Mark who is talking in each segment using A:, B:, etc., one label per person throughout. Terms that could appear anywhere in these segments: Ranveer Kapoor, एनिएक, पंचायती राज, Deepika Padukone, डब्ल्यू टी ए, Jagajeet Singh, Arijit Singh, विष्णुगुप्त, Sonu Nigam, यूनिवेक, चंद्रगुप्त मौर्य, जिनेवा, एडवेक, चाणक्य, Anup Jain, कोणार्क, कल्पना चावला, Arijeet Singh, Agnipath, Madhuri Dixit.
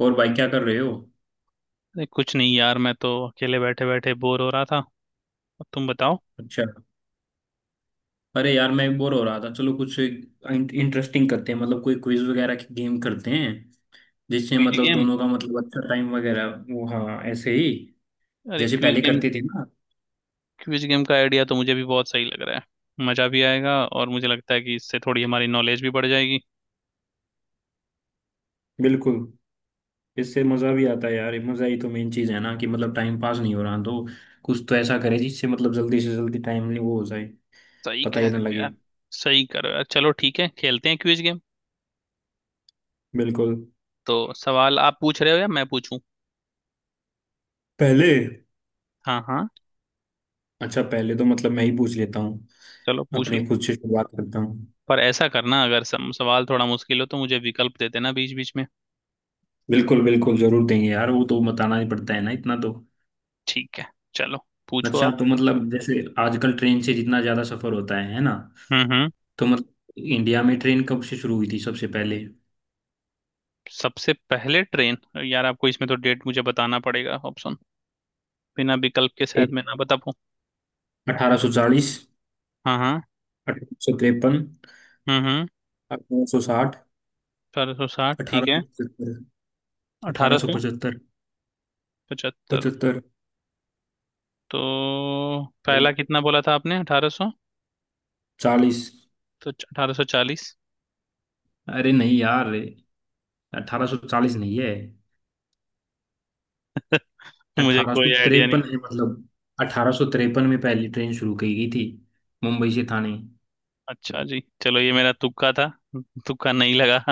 A: और भाई क्या कर रहे हो।
B: अरे कुछ नहीं यार, मैं तो अकेले बैठे बैठे बोर हो रहा था। अब तुम बताओ।
A: अच्छा। अरे यार मैं बोर हो रहा था, चलो कुछ इंटरेस्टिंग करते हैं, मतलब कोई क्विज वगैरह की गेम करते हैं। जिससे
B: क्विज
A: मतलब
B: गेम।
A: दोनों का मतलब अच्छा टाइम वगैरह वो, हाँ ऐसे ही
B: अरे
A: जैसे
B: क्विज
A: पहले
B: गेम।
A: करते थे ना।
B: क्विज गेम का आइडिया तो मुझे भी बहुत सही लग रहा है, मजा भी आएगा और मुझे लगता है कि इससे थोड़ी हमारी नॉलेज भी बढ़ जाएगी।
A: बिल्कुल। इससे मज़ा भी आता है यार, मज़ा ही तो मेन चीज़ है ना, कि मतलब टाइम पास नहीं हो रहा तो कुछ तो ऐसा करे जिससे मतलब जल्दी से जल्दी टाइम नहीं वो हो जाए,
B: सही
A: पता
B: कह
A: ही ना
B: रहे हो
A: लगे।
B: यार। सही कह रहे हो यार, चलो ठीक है, खेलते हैं क्विज गेम।
A: बिल्कुल।
B: तो सवाल आप पूछ रहे हो या मैं पूछूं?
A: पहले।
B: हाँ हाँ।
A: अच्छा पहले तो मतलब मैं ही पूछ लेता हूँ,
B: चलो पूछ
A: अपने
B: लो।
A: खुद से शुरुआत करता हूँ।
B: पर ऐसा करना, अगर सम सवाल थोड़ा मुश्किल हो तो मुझे विकल्प दे देना बीच बीच में।
A: बिल्कुल बिल्कुल, जरूर देंगे यार, वो तो बताना ही पड़ता है ना, इतना तो।
B: ठीक है। चलो। पूछो
A: अच्छा
B: आप।
A: तो मतलब जैसे आजकल ट्रेन से जितना ज्यादा सफर होता है ना,
B: हम्म।
A: तो मतलब इंडिया में ट्रेन कब से शुरू हुई थी सबसे पहले।
B: सबसे पहले ट्रेन। यार आपको इसमें तो डेट मुझे बताना पड़ेगा, ऑप्शन। बिना विकल्प के शायद मैं ना बता पाऊँ।
A: 1840।
B: हाँ हाँ।
A: 1853।
B: हम्म।
A: 1860।
B: अठारह सौ साठ
A: अठारह
B: ठीक है।
A: सौ पचहत्तर अठारह
B: अठारह
A: सौ
B: सौ
A: पचहत्तर
B: पचहत्तर।
A: पचहत्तर।
B: तो पहला कितना बोला था आपने? अठारह सौ।
A: चालीस।
B: तो अठारह सौ चालीस।
A: अरे नहीं यार, 1840 नहीं है।
B: मुझे
A: अठारह सौ
B: कोई आइडिया
A: तिरपन
B: नहीं।
A: है मतलब। 1853 में पहली ट्रेन शुरू की गई थी मुंबई से थाने।
B: अच्छा जी, चलो ये मेरा तुक्का था। तुक्का नहीं लगा।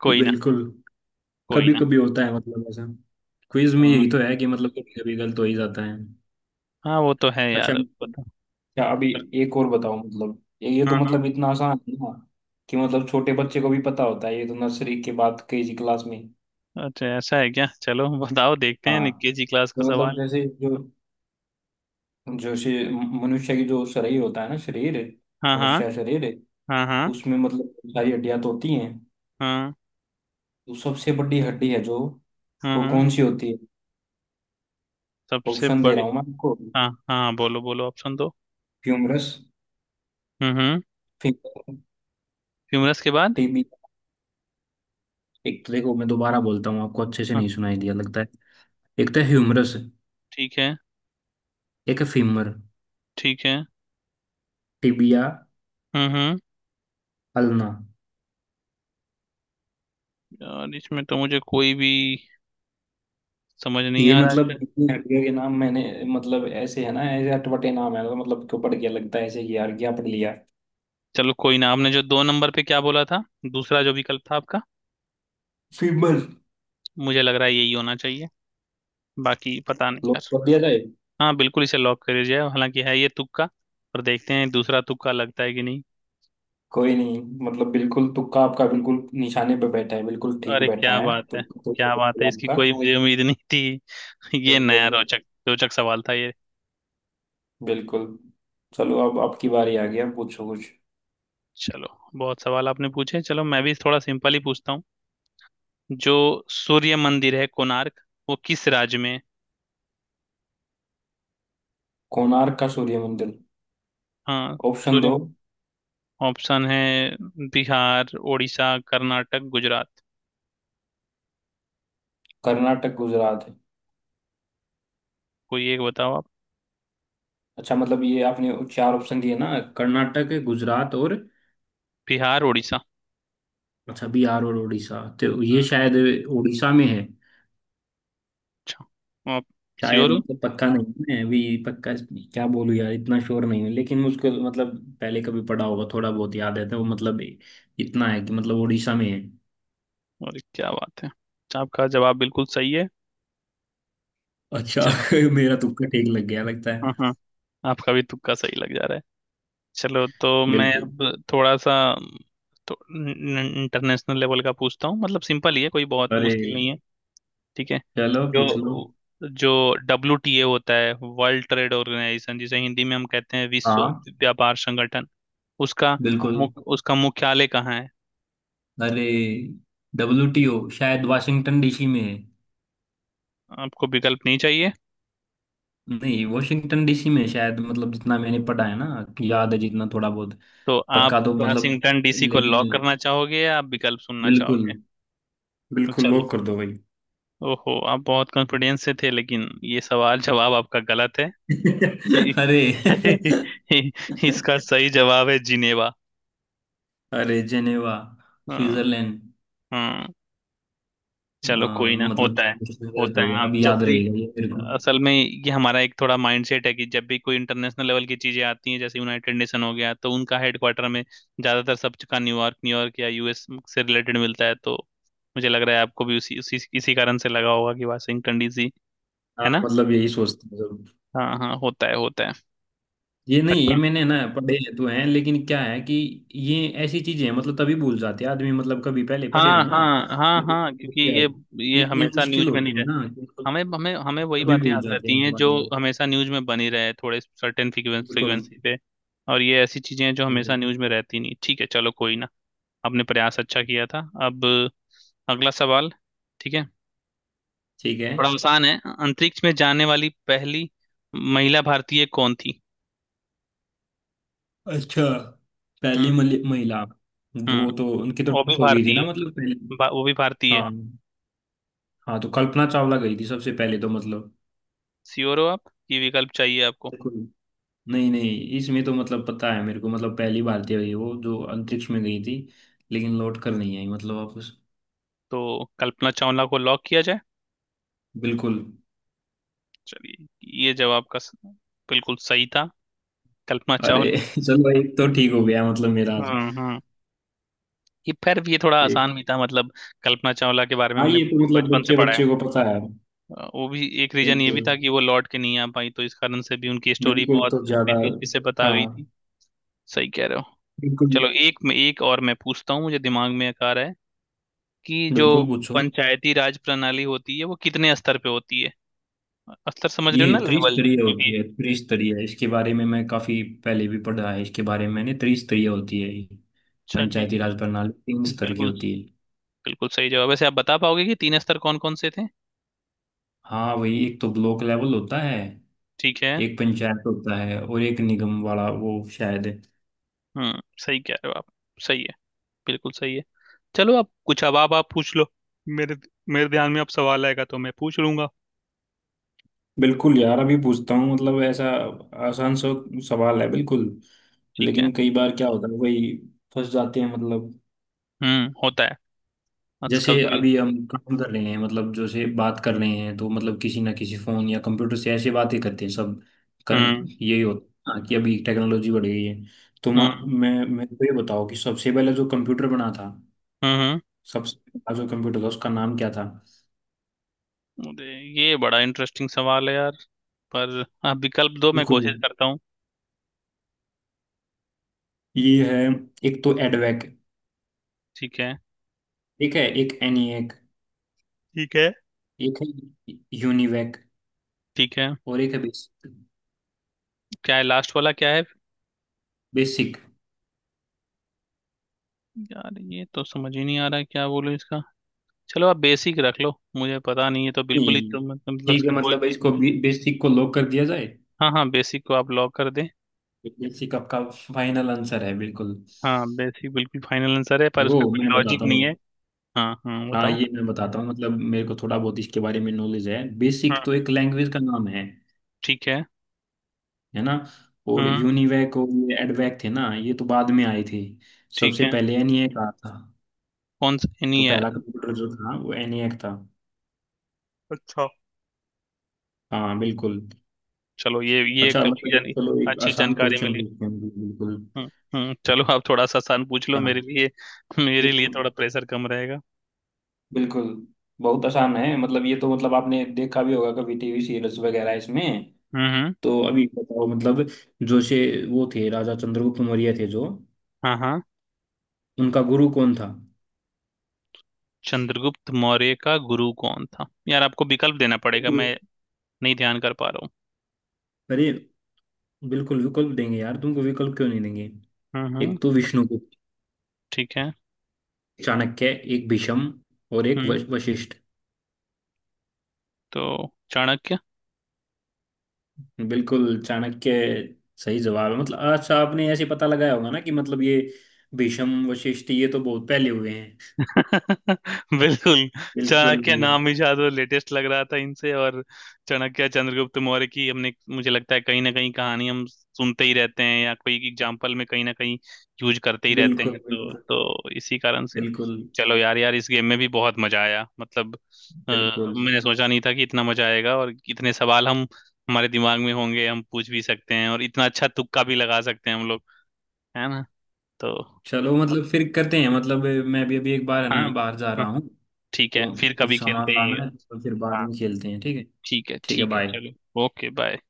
B: कोई ना।
A: बिल्कुल।
B: कोई
A: कभी
B: ना।
A: कभी होता है मतलब ऐसा। क्विज में
B: हाँ।
A: यही तो है कि मतलब कभी कभी गलत हो ही जाता है।
B: हाँ वो तो है
A: अच्छा
B: यार, बता।
A: अच्छा। अभी एक और बताओ। मतलब ये तो
B: हाँ हाँ।
A: मतलब इतना आसान है ना, कि मतलब छोटे बच्चे को भी पता होता है, ये तो नर्सरी के बाद केजी क्लास में।
B: अच्छा ऐसा है क्या? चलो बताओ देखते हैं,
A: हाँ
B: निक्की जी क्लास का
A: तो मतलब
B: सवाल।
A: जैसे जो जो शे- मनुष्य की जो शरीर होता है ना, शरीर,
B: हाँ हाँ।
A: मनुष्य का शरीर,
B: हाँ हाँ।
A: उसमें मतलब बहुत सारी हड्डियां तो होती हैं,
B: हाँ।
A: तो सबसे बड़ी हड्डी है जो, वो
B: हम्म।
A: कौन सी होती है।
B: सबसे
A: ऑप्शन दे
B: बड़ी।
A: रहा हूँ मैं आपको।
B: हाँ हाँ, बोलो बोलो, ऑप्शन दो।
A: फ्यूमरस।
B: हम्म।
A: फिंगर।
B: ह्यूमरस के बाद?
A: एक तो देखो मैं दोबारा बोलता हूँ, आपको अच्छे से
B: हाँ।
A: नहीं सुनाई दिया लगता है। एक तो
B: वो
A: ह्यूमरस।
B: ठीक है।
A: एक है फीमर।
B: ठीक है।
A: टिबिया।
B: हम्म।
A: अल्ना।
B: यार इसमें तो मुझे कोई भी समझ नहीं
A: ये
B: आ रहा है।
A: मतलब इतनी हड्डियों के नाम मैंने, मतलब ऐसे है ना ऐसे अटपटे नाम है, तो मतलब क्यों पड़ गया लगता है ऐसे कि यार क्या पढ़ लिया।
B: चलो कोई ना, आपने जो दो नंबर पे क्या बोला था, दूसरा जो विकल्प था आपका?
A: फीमर।
B: मुझे लग रहा है यही होना चाहिए। बाकी पता नहीं
A: लोग
B: यार।
A: पढ़ लिया जाए।
B: हाँ बिल्कुल, इसे लॉक कर दीजिए, हालांकि है ये तुक्का। पर देखते हैं दूसरा तुक्का लगता है कि नहीं।
A: कोई नहीं। मतलब बिल्कुल तुक्का आपका बिल्कुल निशाने पे बैठा है, बिल्कुल ठीक
B: अरे
A: बैठा
B: क्या
A: है
B: बात है।
A: तुक्का
B: क्या बात
A: तो,
B: है, इसकी
A: आपका।
B: कोई मुझे उम्मीद नहीं थी। ये नया
A: बिल्कुल।
B: रोचक रोचक सवाल था ये।
A: बिल्कुल। चलो अब आपकी बारी आ गई, अब पूछो कुछ।
B: चलो। बहुत सवाल आपने पूछे, चलो मैं भी थोड़ा सिंपल ही पूछता हूँ। जो सूर्य मंदिर है कोणार्क, वो किस राज्य में है?
A: कोणार्क का सूर्य मंदिर।
B: हाँ।
A: ऑप्शन दो।
B: सूर्य। ऑप्शन है, बिहार, उड़ीसा, कर्नाटक, गुजरात।
A: कर्नाटक गुजरात है।
B: कोई एक बताओ आप।
A: अच्छा, मतलब ये आपने चार ऑप्शन दिए ना, कर्नाटक गुजरात और।
B: बिहार उड़ीसा।
A: अच्छा बिहार और उड़ीसा, तो ये
B: हम्म।
A: शायद उड़ीसा में है।
B: अच्छा। आप
A: शायद
B: श्योर हो?
A: मतलब पक्का नहीं मैं अभी। पक्का क्या बोलूँ यार, इतना श्योर नहीं हूँ लेकिन मुझको मतलब पहले कभी पढ़ा होगा, थोड़ा बहुत याद है तो वो मतलब इतना है कि मतलब उड़ीसा में है।
B: और क्या बात है, आपका जवाब बिल्कुल सही है।
A: अच्छा।
B: चलो।
A: मेरा तुक्का ठीक लग गया लगता
B: हाँ
A: है।
B: हाँ। आपका भी तुक्का सही लग जा रहा है। चलो तो मैं
A: बिल्कुल।
B: अब थोड़ा सा। तो इंटरनेशनल लेवल का पूछता हूँ, मतलब सिंपल ही है, कोई बहुत
A: अरे।
B: मुश्किल नहीं है। ठीक है।
A: चलो
B: जो
A: पूछ लो।
B: जो डब्ल्यू टी ए होता है, वर्ल्ड ट्रेड ऑर्गेनाइजेशन, जिसे हिंदी में हम कहते हैं विश्व
A: हाँ।
B: व्यापार संगठन, उसका
A: बिल्कुल।
B: उसका मुख्यालय कहाँ है?
A: अरे WTO शायद वाशिंगटन DC में है।
B: आपको विकल्प नहीं चाहिए?
A: नहीं, वॉशिंगटन DC में शायद, मतलब जितना मैंने पढ़ा है ना, याद है जितना थोड़ा बहुत।
B: तो आप
A: पक्का तो मतलब,
B: वाशिंगटन डीसी को लॉक
A: लेकिन
B: करना चाहोगे या आप विकल्प सुनना
A: बिल्कुल,
B: चाहोगे?
A: बिल्कुल
B: चल।
A: लॉक कर दो भाई।
B: ओहो, आप बहुत कॉन्फिडेंस से थे लेकिन ये सवाल जवाब आपका गलत है।
A: अरे।
B: इसका सही जवाब है जिनेवा।
A: अरे जेनेवा।
B: हाँ।
A: स्विट्जरलैंड।
B: हाँ।
A: अ,
B: चलो कोई ना,
A: मतलब इसमें गलत
B: होता है
A: होगा
B: हम
A: अब,
B: जब
A: याद
B: भी।
A: रहेगा ये मेरे को।
B: असल में ये हमारा एक थोड़ा माइंडसेट है कि जब भी कोई इंटरनेशनल लेवल की चीजें आती हैं, जैसे यूनाइटेड नेशन हो गया, तो उनका हेडक्वार्टर में ज्यादातर सब का न्यूयॉर्क, न्यूयॉर्क या यूएस से रिलेटेड मिलता है, तो मुझे लग रहा है आपको भी उसी उसी इसी कारण से लगा होगा कि वाशिंगटन डीसी।
A: हाँ
B: है ना?
A: मतलब यही सोचते हैं।
B: हाँ हाँ, होता है होता है।
A: ये नहीं, ये
B: अच्छा।
A: मैंने ना पढ़े तो हैं, लेकिन क्या है कि ये ऐसी चीजें हैं मतलब तभी भूल जाते हैं आदमी, मतलब कभी पहले पढ़े हो
B: हाँ
A: ना।
B: हाँ हाँ हाँ, क्योंकि
A: क्या है?
B: ये
A: इतने
B: हमेशा
A: मुश्किल
B: न्यूज में
A: होते
B: नहीं।
A: हैं ना कि मतलब
B: हमें हमें हमें वही
A: तभी
B: बातें
A: भूल
B: याद
A: जाते हैं
B: रहती
A: इनके
B: हैं जो
A: बारे में।
B: हमेशा न्यूज में बनी रहे थोड़े सर्टेन
A: बिल्कुल।
B: फ्रीक्वेंसी पे। और ये ऐसी चीजें हैं जो
A: बिल्कुल।
B: हमेशा न्यूज में रहती नहीं। ठीक है, चलो कोई ना। आपने प्रयास अच्छा किया था। अब अगला सवाल। ठीक है।
A: ठीक है।
B: थोड़ा आसान है। अंतरिक्ष में जाने वाली पहली महिला भारतीय कौन थी?
A: अच्छा। पहली
B: हम्म।
A: महिला। वो
B: हम्म
A: तो उनकी तो
B: वो भी
A: डेथ हो गई थी ना
B: भारतीय।
A: मतलब पहले।
B: वो भी भारतीय।
A: हाँ। हाँ तो कल्पना चावला गई थी सबसे पहले तो मतलब।
B: श्योर हो आप? ये विकल्प चाहिए आपको?
A: बिल्कुल। नहीं नहीं, इसमें तो मतलब पता है मेरे को, मतलब पहली भारतीय हुई वो जो अंतरिक्ष में गई थी, लेकिन लौट कर नहीं आई मतलब वापस।
B: तो कल्पना चावला को लॉक किया जाए?
A: बिल्कुल।
B: चलिए, ये जवाब का स- बिल्कुल सही था। कल्पना
A: अरे
B: चावला।
A: चलो एक तो ठीक हो गया मतलब मेरा आज।
B: हम्म। ये फिर भी ये थोड़ा आसान
A: एक-
B: भी था, मतलब कल्पना चावला के बारे में
A: हाँ
B: हमने
A: ये तो
B: बहुत
A: मतलब
B: बचपन से
A: बच्चे
B: पढ़ा है।
A: बच्चे को पता है।
B: वो भी एक रीजन ये भी
A: बिल्कुल।
B: था कि वो लौट के नहीं आ पाई तो इस कारण से भी उनकी स्टोरी
A: बिल्कुल
B: बहुत
A: तो ज्यादा।
B: दिलचस्पी से बता
A: हाँ।
B: गई थी। सही कह रहे हो।
A: बिल्कुल।
B: चलो एक में एक और मैं पूछता हूँ, मुझे दिमाग में एक आ रहा है। कि जो
A: बिल्कुल पूछो।
B: पंचायती राज प्रणाली होती है, वो कितने स्तर पे होती है? स्तर समझ
A: ये
B: रहे हो ना, लेवल।
A: त्रिस्तरीय होती
B: क्योंकि।
A: है, त्रिस्तरीय, इसके बारे में मैं काफी पहले भी पढ़ा है, इसके बारे में मैंने, त्रिस्तरीय होती है ये।
B: अच्छा जी।
A: पंचायती राज प्रणाली तीन स्तर की
B: बिल्कुल,
A: होती है।
B: बिल्कुल सही जवाब। वैसे आप बता पाओगे कि तीन स्तर कौन कौन से थे?
A: हाँ वही, एक तो ब्लॉक लेवल होता है,
B: ठीक है।
A: एक पंचायत होता है, और एक निगम वाला वो शायद है।
B: हम्म, सही कह रहे हो आप। सही है। बिल्कुल सही है। चलो अब कुछ, अब आप पूछ लो। मेरे मेरे ध्यान में अब सवाल आएगा तो मैं पूछ लूंगा।
A: बिल्कुल यार अभी पूछता हूँ, मतलब ऐसा आसान सा सवाल है बिल्कुल,
B: ठीक है।
A: लेकिन कई बार क्या होता है, वही फंस जाते हैं मतलब।
B: होता है। आज
A: जैसे
B: कभी कभी।
A: अभी हम काम कर रहे हैं, मतलब जैसे बात कर रहे हैं तो मतलब किसी ना किसी फोन या कंप्यूटर से ऐसे बातें करते हैं सब।
B: हम्म
A: यही होता है कि अभी टेक्नोलॉजी बढ़ गई है, तो मा-
B: हम्म।
A: मैं तो ये बताओ कि सबसे पहले जो कंप्यूटर बना था,
B: हम्म।
A: सबसे पहला जो कंप्यूटर था, उसका नाम क्या था।
B: अरे, ये बड़ा इंटरेस्टिंग सवाल है यार। पर आप विकल्प दो, मैं
A: बिल्कुल।
B: कोशिश करता हूँ।
A: ये है, एक तो एडवेक।
B: ठीक है।
A: ठीक है, एक एनिएक।
B: ठीक है।
A: एक है यूनिवेक।
B: ठीक है।
A: और एक है बेसिक।
B: क्या है लास्ट वाला, क्या है?
A: बेसिक।
B: यार ये तो समझ ही नहीं आ रहा है, क्या बोलूं इसका? चलो आप बेसिक रख लो, मुझे पता नहीं है तो बिल्कुल ही
A: नहीं,
B: तो मतलब
A: ठीक है
B: इसका कोई।
A: मतलब इसको, बेसिक को लॉक कर दिया जाए।
B: हाँ हाँ, बेसिक को आप लॉक कर दें।
A: बेसिक आपका फाइनल आंसर है बिल्कुल।
B: हाँ बेसिक बिल्कुल फाइनल आंसर है, पर
A: देखो
B: उसका कोई
A: मैं
B: लॉजिक
A: बताता हूँ।
B: नहीं है। हाँ हाँ
A: हाँ
B: बताओ।
A: ये मैं बताता हूँ, मतलब मेरे को थोड़ा बहुत इसके बारे में नॉलेज है। बेसिक
B: हाँ।
A: तो एक लैंग्वेज का नाम है
B: ठीक है।
A: है ना, और
B: हम्म।
A: यूनिवेक और ये एडवेक थे ना, ये तो बाद में आए थे।
B: ठीक
A: सबसे
B: है।
A: पहले एनिएक आया था,
B: कौन सा नहीं
A: तो
B: है?
A: पहला कंप्यूटर जो था वो एनिएक था।
B: अच्छा।
A: हाँ बिल्कुल।
B: चलो ये
A: अच्छा
B: एक अच्छी
A: मतलब
B: जानी
A: चलो एक
B: अच्छी
A: आसान
B: जानकारी
A: क्वेश्चन
B: मिली।
A: पूछते हैं। बिल्कुल।
B: हम्म हम्म। चलो आप थोड़ा सा आसान पूछ लो
A: हाँ।
B: मेरे लिए। मेरे
A: एक।
B: लिए थोड़ा प्रेशर कम रहेगा।
A: बिल्कुल। बहुत आसान है, मतलब ये तो मतलब आपने देखा भी होगा कभी टीवी सीरीज वगैरह इसमें।
B: हम्म।
A: तो अभी बताओ मतलब, जो से वो थे राजा चंद्रगुप्त मौर्य थे जो,
B: हाँ हाँ।
A: उनका गुरु कौन था।
B: चंद्रगुप्त मौर्य का गुरु कौन था? यार आपको विकल्प देना पड़ेगा,
A: बिल्कुल।
B: मैं नहीं ध्यान कर पा रहा हूँ।
A: अरे बिल्कुल विकल्प देंगे यार, तुमको विकल्प क्यों नहीं देंगे। एक तो
B: हम्म।
A: विष्णुगुप्त।
B: ठीक है।
A: चाणक्य। एक भीष्म। और एक
B: हम्म।
A: वशिष्ठ।
B: तो चाणक्य।
A: बिल्कुल चाणक्य सही जवाब है। मतलब अच्छा आपने ऐसे पता लगाया होगा ना कि मतलब ये भीष्म वशिष्ठ ये तो बहुत पहले हुए हैं।
B: बिल्कुल।
A: बिल्कुल।
B: चाणक्य नाम ही शायद वो लेटेस्ट लग रहा था इनसे, और चाणक्य चंद्रगुप्त मौर्य की हमने, मुझे लगता है कहीं ना कहीं कहानी हम सुनते ही रहते हैं या कोई एग्जाम्पल में कहीं ना कहीं यूज करते ही रहते
A: बिल्कुल।
B: हैं, तो
A: बिल्कुल।
B: तो इसी कारण से।
A: बिल्कुल।
B: चलो यार। यार इस गेम में भी बहुत मजा आया, मतलब
A: बिल्कुल।
B: मैंने सोचा नहीं था कि इतना मजा आएगा और इतने सवाल हम हमारे दिमाग में होंगे, हम पूछ भी सकते हैं और इतना अच्छा तुक्का भी लगा सकते हैं हम लोग। है ना? तो।
A: चलो मतलब फिर करते हैं, मतलब मैं भी अभी एक बार है
B: हाँ।
A: ना बाहर जा
B: हाँ,
A: रहा हूँ,
B: ठीक है
A: तो
B: फिर
A: कुछ
B: कभी खेलते
A: सामान
B: हैं ये।
A: लाना है, तो फिर बाद
B: हाँ,
A: में खेलते हैं ठीक है।
B: ठीक है
A: ठीक है
B: ठीक है।
A: बाय।
B: चलो ओके बाय।